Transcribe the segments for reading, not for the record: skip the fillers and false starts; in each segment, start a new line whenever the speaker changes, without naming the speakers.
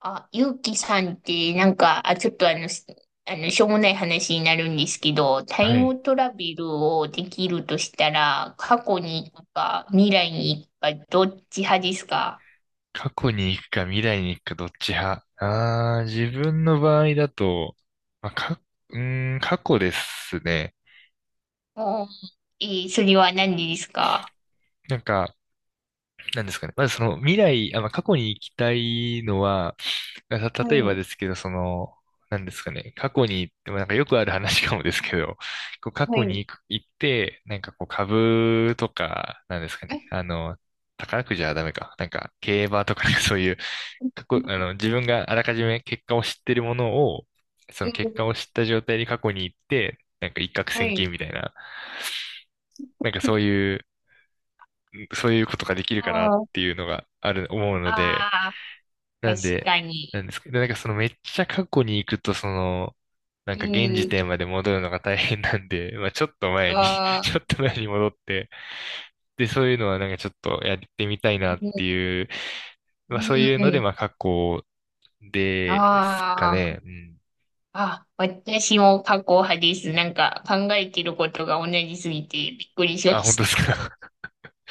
あ、ゆうきさんって、なんか、あ、ちょっとあの、しあの、しょうもない話になるんですけど、タ
は
イ
い。
ムトラベルをできるとしたら、過去に行くか、未来に行くか、どっち派ですか？
過去に行くか未来に行くかどっち派。ああ、自分の場合だと、まあ、か、過去ですね。
おー、それは何でですか？
なんか、なんですかね。まずその未来、まあ、過去に行きたいのは、
は
例えば
い、
ですけど、その、なんですかね。過去に行ってもなんかよくある話かもですけど、こう過
は
去に
い、
行く、行って、なんかこう株とか、なんですかね。あの、宝くじはダメか。なんか競馬とか、なんかそういう過去、あの、自分があらかじめ結果を知ってるものを、そ
う
の結
ん。
果を知った状態に過去に行って、なんか一攫
は
千
い。
金みたいな、なんかそういう、そういうことができる
あ
かなっ
ー
ていうのがある、思うので、
あ
なん
ー、確
で、
かに。
なんですけど、なんかそのめっちゃ過去に行くと、その、なん
う
か現時
ん。
点まで戻るのが大変なんで、まあちょっと前に
あ あ、
ちょっと前に戻って、で、そういうのはなんかちょっとやってみたい
う
なって
ん。
いう、
う
まあそういうので、
ん。
まあ過去ですか
ああ
ね。うん。
あ、私も過去派です。なんか考えてることが同じすぎてびっくりしま
あ、本当
し
で
た。
すか。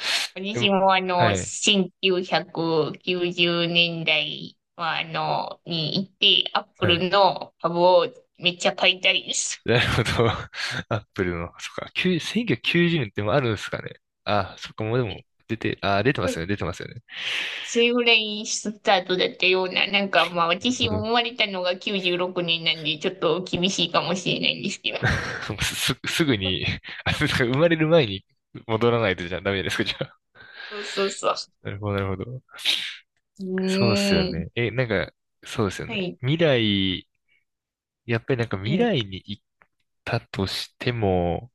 で
私
も、
も
はい、
1990年代はに行って、アップ
はい。
ルの株をめっちゃ買いたいです。
なるほど。アップルの、そっか、9 1990年ってもあるんですかね。あ、そっか、もうでも、出てますよね、出てますよね。
それぐらいスタートだったような、なんかまあ
なるほ
私も生
ど。
まれたのが96年なんで、ちょっと厳しいかもしれないんですけど。
すぐに、あ、そうか生まれる前に戻らないとじゃダメですか、じゃあ。
そうそうそ
なるほど、なるほど。
う。う
そうっすよ
ーん。
ね。え、なんか、そうですよ
は
ね。
い。
未来、やっぱりなんか
う
未
ん。
来に行ったとしても、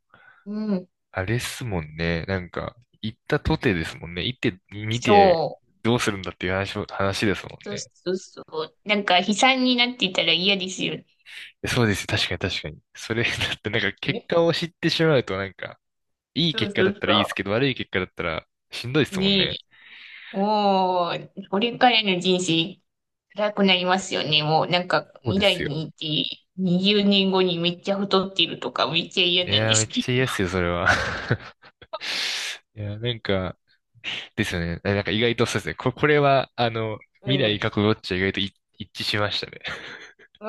うん。
あれっすもんね。なんか、行ったとてですもんね。行って見
そ
て
う。
どうするんだっていう話も、話ですもん
そう
ね。
そうそう。なんか悲惨になっていたら嫌ですよね。
そうです。確かに確かに。それ、だってなんか結
ね。
果を知ってしまうとなんか、いい
そう
結果
そ
だっ
う
たらいいです
そ
けど、悪い結果だったらしんどいで
う。
すもん
ね
ね。
え。もう、これからの人生辛くなりますよね。もうなんか
そう
未
です
来
よ。
にいて20年後にめっちゃ太ってるとかめっちゃ嫌
い
なん
や
で
ー、めっ
すけ
ちゃ
ど。
嫌っすよ、それは。いやー、なんか、ですよね。なんか意外とそうですね。これは、あの、
う
未
ん。
来
う
過去どっちは意外と一致しましたね。
ん。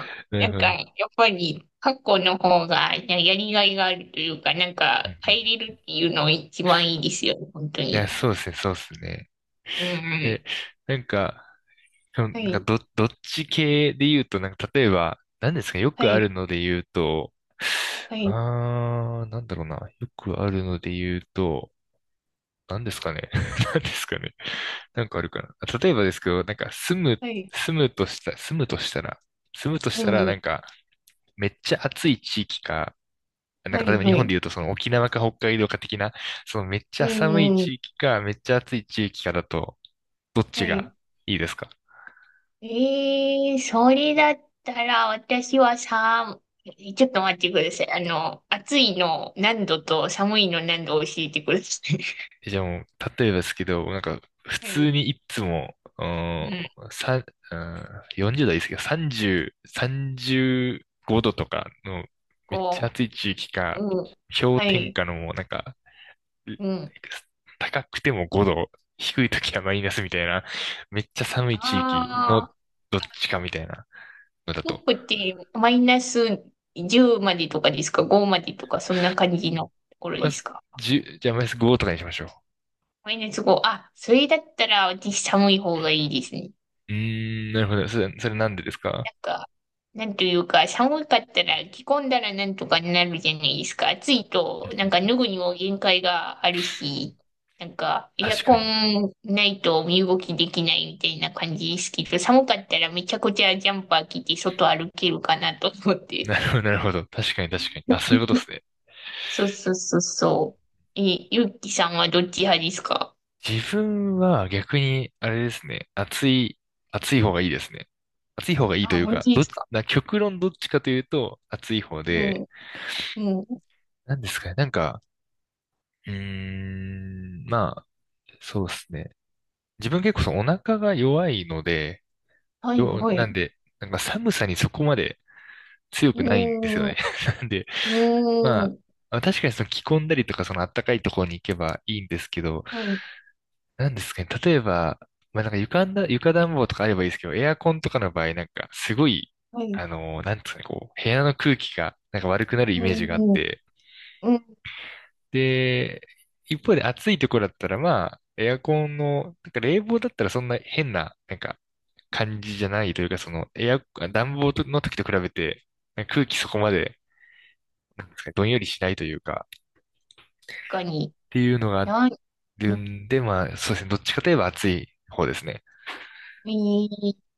なる
なん
ほど。う
か
ん
やっぱり過去の方がややりがいがあるというか、なん
うんう
か変え
ん。
れるっていうのが一番いいですよね。本当
いや、
に。
そうですね、そうですね。
うんう
え、
ん。
なんか、そのな
は
んか
い。
どっち系で言うと、なんか例えば、何ですかね、よ
は
くあ
い。
るので言うと、
はい。
あー、なんだろうな。よくあるので言うと、何ですかね。何ですかね。なんかあるかな。あ例えばですけど、なんか
はい。
住むとしたら、住むとし
う
たら、
ん。
なんか、めっちゃ暑い地域か、なん
は
か例え
い、
ば日
は
本で
い。
言うとその沖縄か北海道か的な、そのめっち
う
ゃ寒い
んうん、
地域か、めっちゃ暑い地域かだと、どっち
はい。
がいいですか？
ええ、それだったら、私はさ、ちょっと待ってください。暑いの何度と寒いの何度を教えてください。
えじゃあもう、例えばですけど、なんか、普
は
通
い。
にいつも、うー
う
ん、
ん。
さん、うん、40代はいいですけど、30、35度とかの、めっちゃ
こ
暑い地域
う、
か、
うん。
氷
は
点
い。
下のもうなんか、う
うん。
高くても5度、低い時はマイナスみたいな、めっちゃ寒い地域の
ああ、
どっちかみたいなのだと。
服ってマイナス10までとかですか？ 5 までとか、そんな感じのところ
まあ、
ですか？
1じゃあマイナス5とかにしましょ
マイナス5。あ、それだったら、私寒い方がいいですね。
う。うーん、なるほど。それ、それなんでですか？
なんか、なんというか、寒かったら着込んだらなんとかなるじゃないですか。暑い
う
と、
んう
なん
ん
か
うん。
脱ぐにも限界があるし、なんか、エア
確か
コ
に。
ンないと身動きできないみたいな感じですけど、寒かったらめちゃくちゃジャンパー着て外歩けるかなと思っ
な
て。
るほど、なるほど。確かに確かに。あ、そういうこ とですね。
そうそうそうそう。え、ゆうきさんはどっち派ですか？
自分は逆に、あれですね。暑い方がいいですね。暑い方がいいと
あ、
いう
本
か、
当で
どっ
す
ち、
か？
な、極論どっちかというと、暑い方
う
で、
ん、うん。
なんですかね。なんか、うーん、まあ、そうですね。自分結構そのお腹が弱いので、
はい、は
な
い。
んで、なんか寒さにそこまで強
うー
くないんですよ
ん、う
ね。なんで、ま
ー
あ、
ん。
まあ確かにその着込んだりとか、その暖かいところに行けばいいんですけど、
はい、
なんですかね。例えば、まあ、なんか床暖房とかあればいいですけど、エアコンとかの場合、なんか、すごい、
はい。
あのー、なんですかね、こう、部屋の空気が、なんか悪くなるイ
う
メージがあっ
ん、
て、
うん、
で、一方で暑いところだったら、まあ、エアコンの、なんか冷房だったらそんな変な、なんか、感じじゃないというか、その、エア、暖房の時と比べて、なんか空気そこまで、なんですかねどんよりしないというか、
かに。
っていうのがあ
なん、
るんで、まあ、そうですね、どっちかといえば暑い方ですね。
い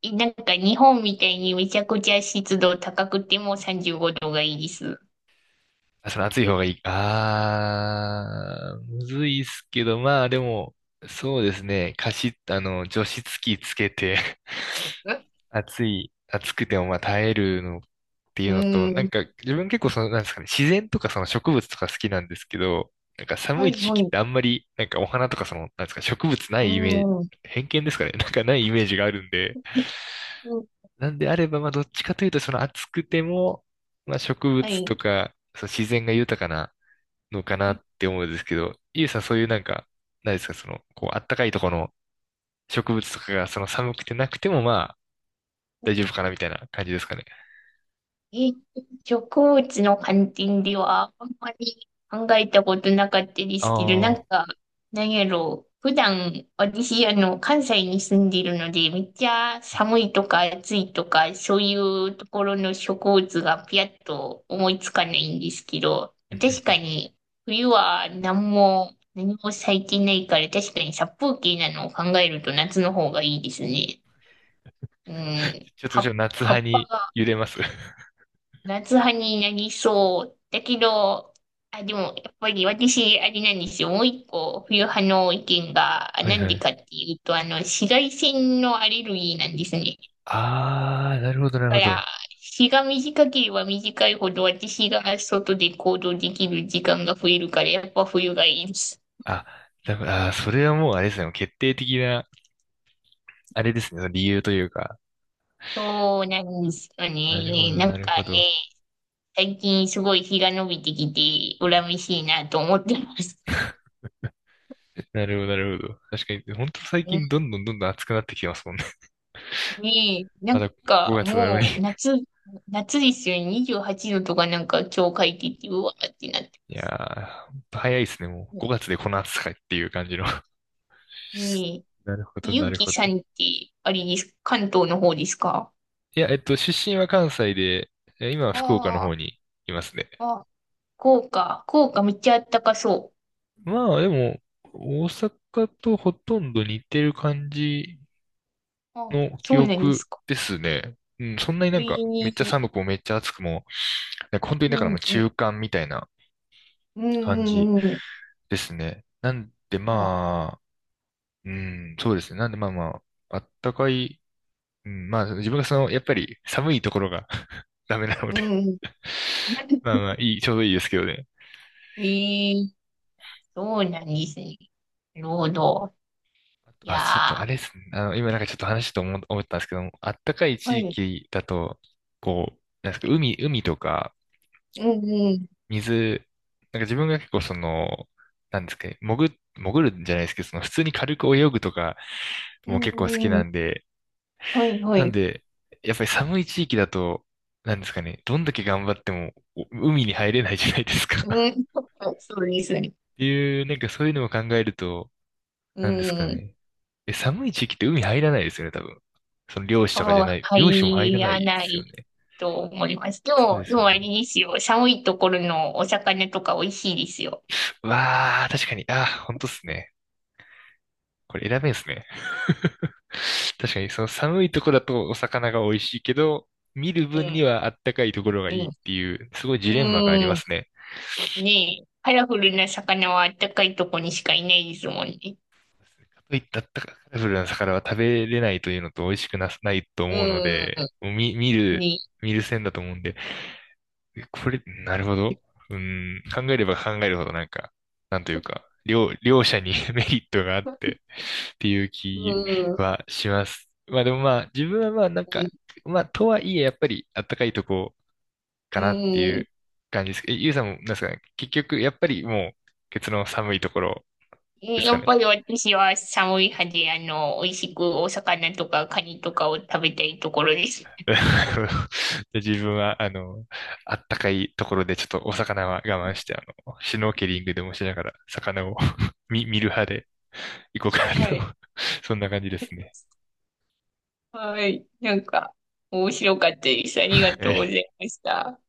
いなんか日本みたいにめちゃくちゃ湿度高くても35度がいいです。
あ、その暑い方がいい。あー、むずいっすけど、まあでも、そうですね。加湿、あの、除湿機つけて
え。
暑くてもまあ耐えるのってい
う
うのと、なん
ん。
か自分結構その、なんですかね、自然とかその植物とか好きなんですけど、なんか
は
寒い
い、
時
は
期っ
い。
てあんまり、なんかお花とかその、なんですか、植物な
う
いイメージ、
ん。う
偏見ですかね、なんかないイメージがあるんで、
ん。
なんであれば、まあどっちかというとその暑くても、まあ植
は
物
い。
とか、その自然が豊かな、のかなって思うんですけど、ゆうさんそういうなんか、何ですか、その、こう、あったかいところの植物とかが、その寒くてなくてもまあ、大丈夫かなみたいな感じですかね。
え、植物の観点ではあんまり考えたことなかったで
あ
すけど、なん
あ。
か、なんやろう。普段、私、関西に住んでいるので、めっちゃ寒いとか暑いとか、そういうところの植物がピヤッと思いつかないんですけど、確か に、冬は何も、何も咲いてないから、確かに殺風景なのを考えると夏の方がいいですね。うん。
ちょっと
葉
ちょ
っ
っと夏
ぱ、葉
派
っぱ
に
が
揺れます。
夏派になりそう。だけど、あ、でも、やっぱり私、あれなんですよ。もう一個、冬派の意見が、あ、
はい
なん
は
で
い。
かっていうと、紫外線のアレルギーなんですね。
ああ、なるほど
だ
なる
か
ほ
ら、
ど。
日が短ければ短いほど、私が外で行動できる時間が増えるから、やっぱ冬がいいです。
あ、だから、あー、それはもうあれですね、決定的な、あれですね、その理由というか。
そうなんですよ
なるほ
ね。
ど
なん
なる
か
ほ
ね、
ど。
最近すごい日が伸びてきて、恨めしいなと思ってます。
なるほどなるほど。確かに、本当最近
う
どんどんどんどん暑くなってきてますもんね。
に、な
ま
ん
だ
か
5月なのに。
もう夏ですよね。28度とかなんか今日書いてて、うわーってなって。
いやー、ほんと早いですね。もう5月でこの暑さかっていう感じの。
ねえ、
なるほど、
ゆ
な
う
る
き
ほ
さ
ど。
んって、あれです、関東の方ですか？
いや、えっと、出身は関西で、え今は福岡の
あ
方にいますね。
あ、あ、福岡、福岡めっちゃあったかそ
まあ、でも、大阪とほとんど似てる感じ
う。あ、
の記
そうなんで
憶
すか。
ですね。うん、そんなにな
え
んか、めっちゃ
え、
寒くもめっちゃ暑くも、なんか本当に
う
だから
ん、
もう
うん、
中間みたいな
うん、う
感じ
ん、うん。
ですね。なんで
あ、
まあ、うん、そうですね。なんでまあまあ、あったかい。うん、まあ、自分がその、やっぱり寒いところが ダメなの
う
で。
ん。
まあ まあ、いい、ちょうどいいですけどね。
ええ、そうなんですね。なるほど。い
あ、ちょっとあ
やー、
れですね。あの、今なんかちょっと話と思ったんですけども、あったかい
は
地
い。
域だと、こう、なんですか、海とか、
うん、うん、
水、なんか自分が結構その、なんですかね、潜るんじゃないですけど、その普通に軽く泳ぐとか
う
も結構好き
ん、う
な
ん。
んで、
はいは
なん
い。
で、やっぱり寒い地域だと、なんですかね、どんだけ頑張ってもお海に入れないじゃないです
う
か。
ん、そうですね。
っていう、なんかそういうのを考えると、
う
なんですか
ん。
ね。え、寒い地域って海入らないですよね、多分。その漁師とかじ
も
ゃ
う
ない、漁師も入
入
らない
ら
で
な
すよ
い
ね。
と思います。で
そう
も、
で
で
すよ
も
ね。
あれですよ。寒いところのお魚とか美味しいですよ。
うわあ、確かに、あー、本当っすね。これ選べんすね。確かに、その寒いとこだとお魚が美味しいけど、見る
う
分に
ん、
はあったかいところが
う
いいっ
ん、
ていう、すごいジ
う
レンマがありま
ん。
すね。
ねえ、カラフルな魚はあったかいとこにしかいないですもんね。
かといってあったかカラフルな魚は食べれないというのと美味しくな、ないと思うの
う
で、もう
ん、ねえ。
見る線だと思うんで、えこれ、なるほど。うん、考えれば考えるほどなんか、なんというか、両者に メリットがあってっていう
う
気
ん、うん。
はします。まあでもまあ、自分はまあなんか、まあとはいえやっぱりあったかいとこ
う
かなってい
ん。
う感じです。え、ゆうさんもなんですかね、結局やっぱりもう、ケツの寒いところです
や
か
っ
ね。
ぱり私は寒い派で、美味しくお魚とかカニとかを食べたいところです。
で自分は、あの、あったかいところでちょっとお魚は我慢して、あの、シュノーケリングでもしながら魚を 見る派で。行こうかな
は
と。
い。
そんな感じですね。
はい。なんか、面白かったです。あり
は
がとうご
い。
ざいました。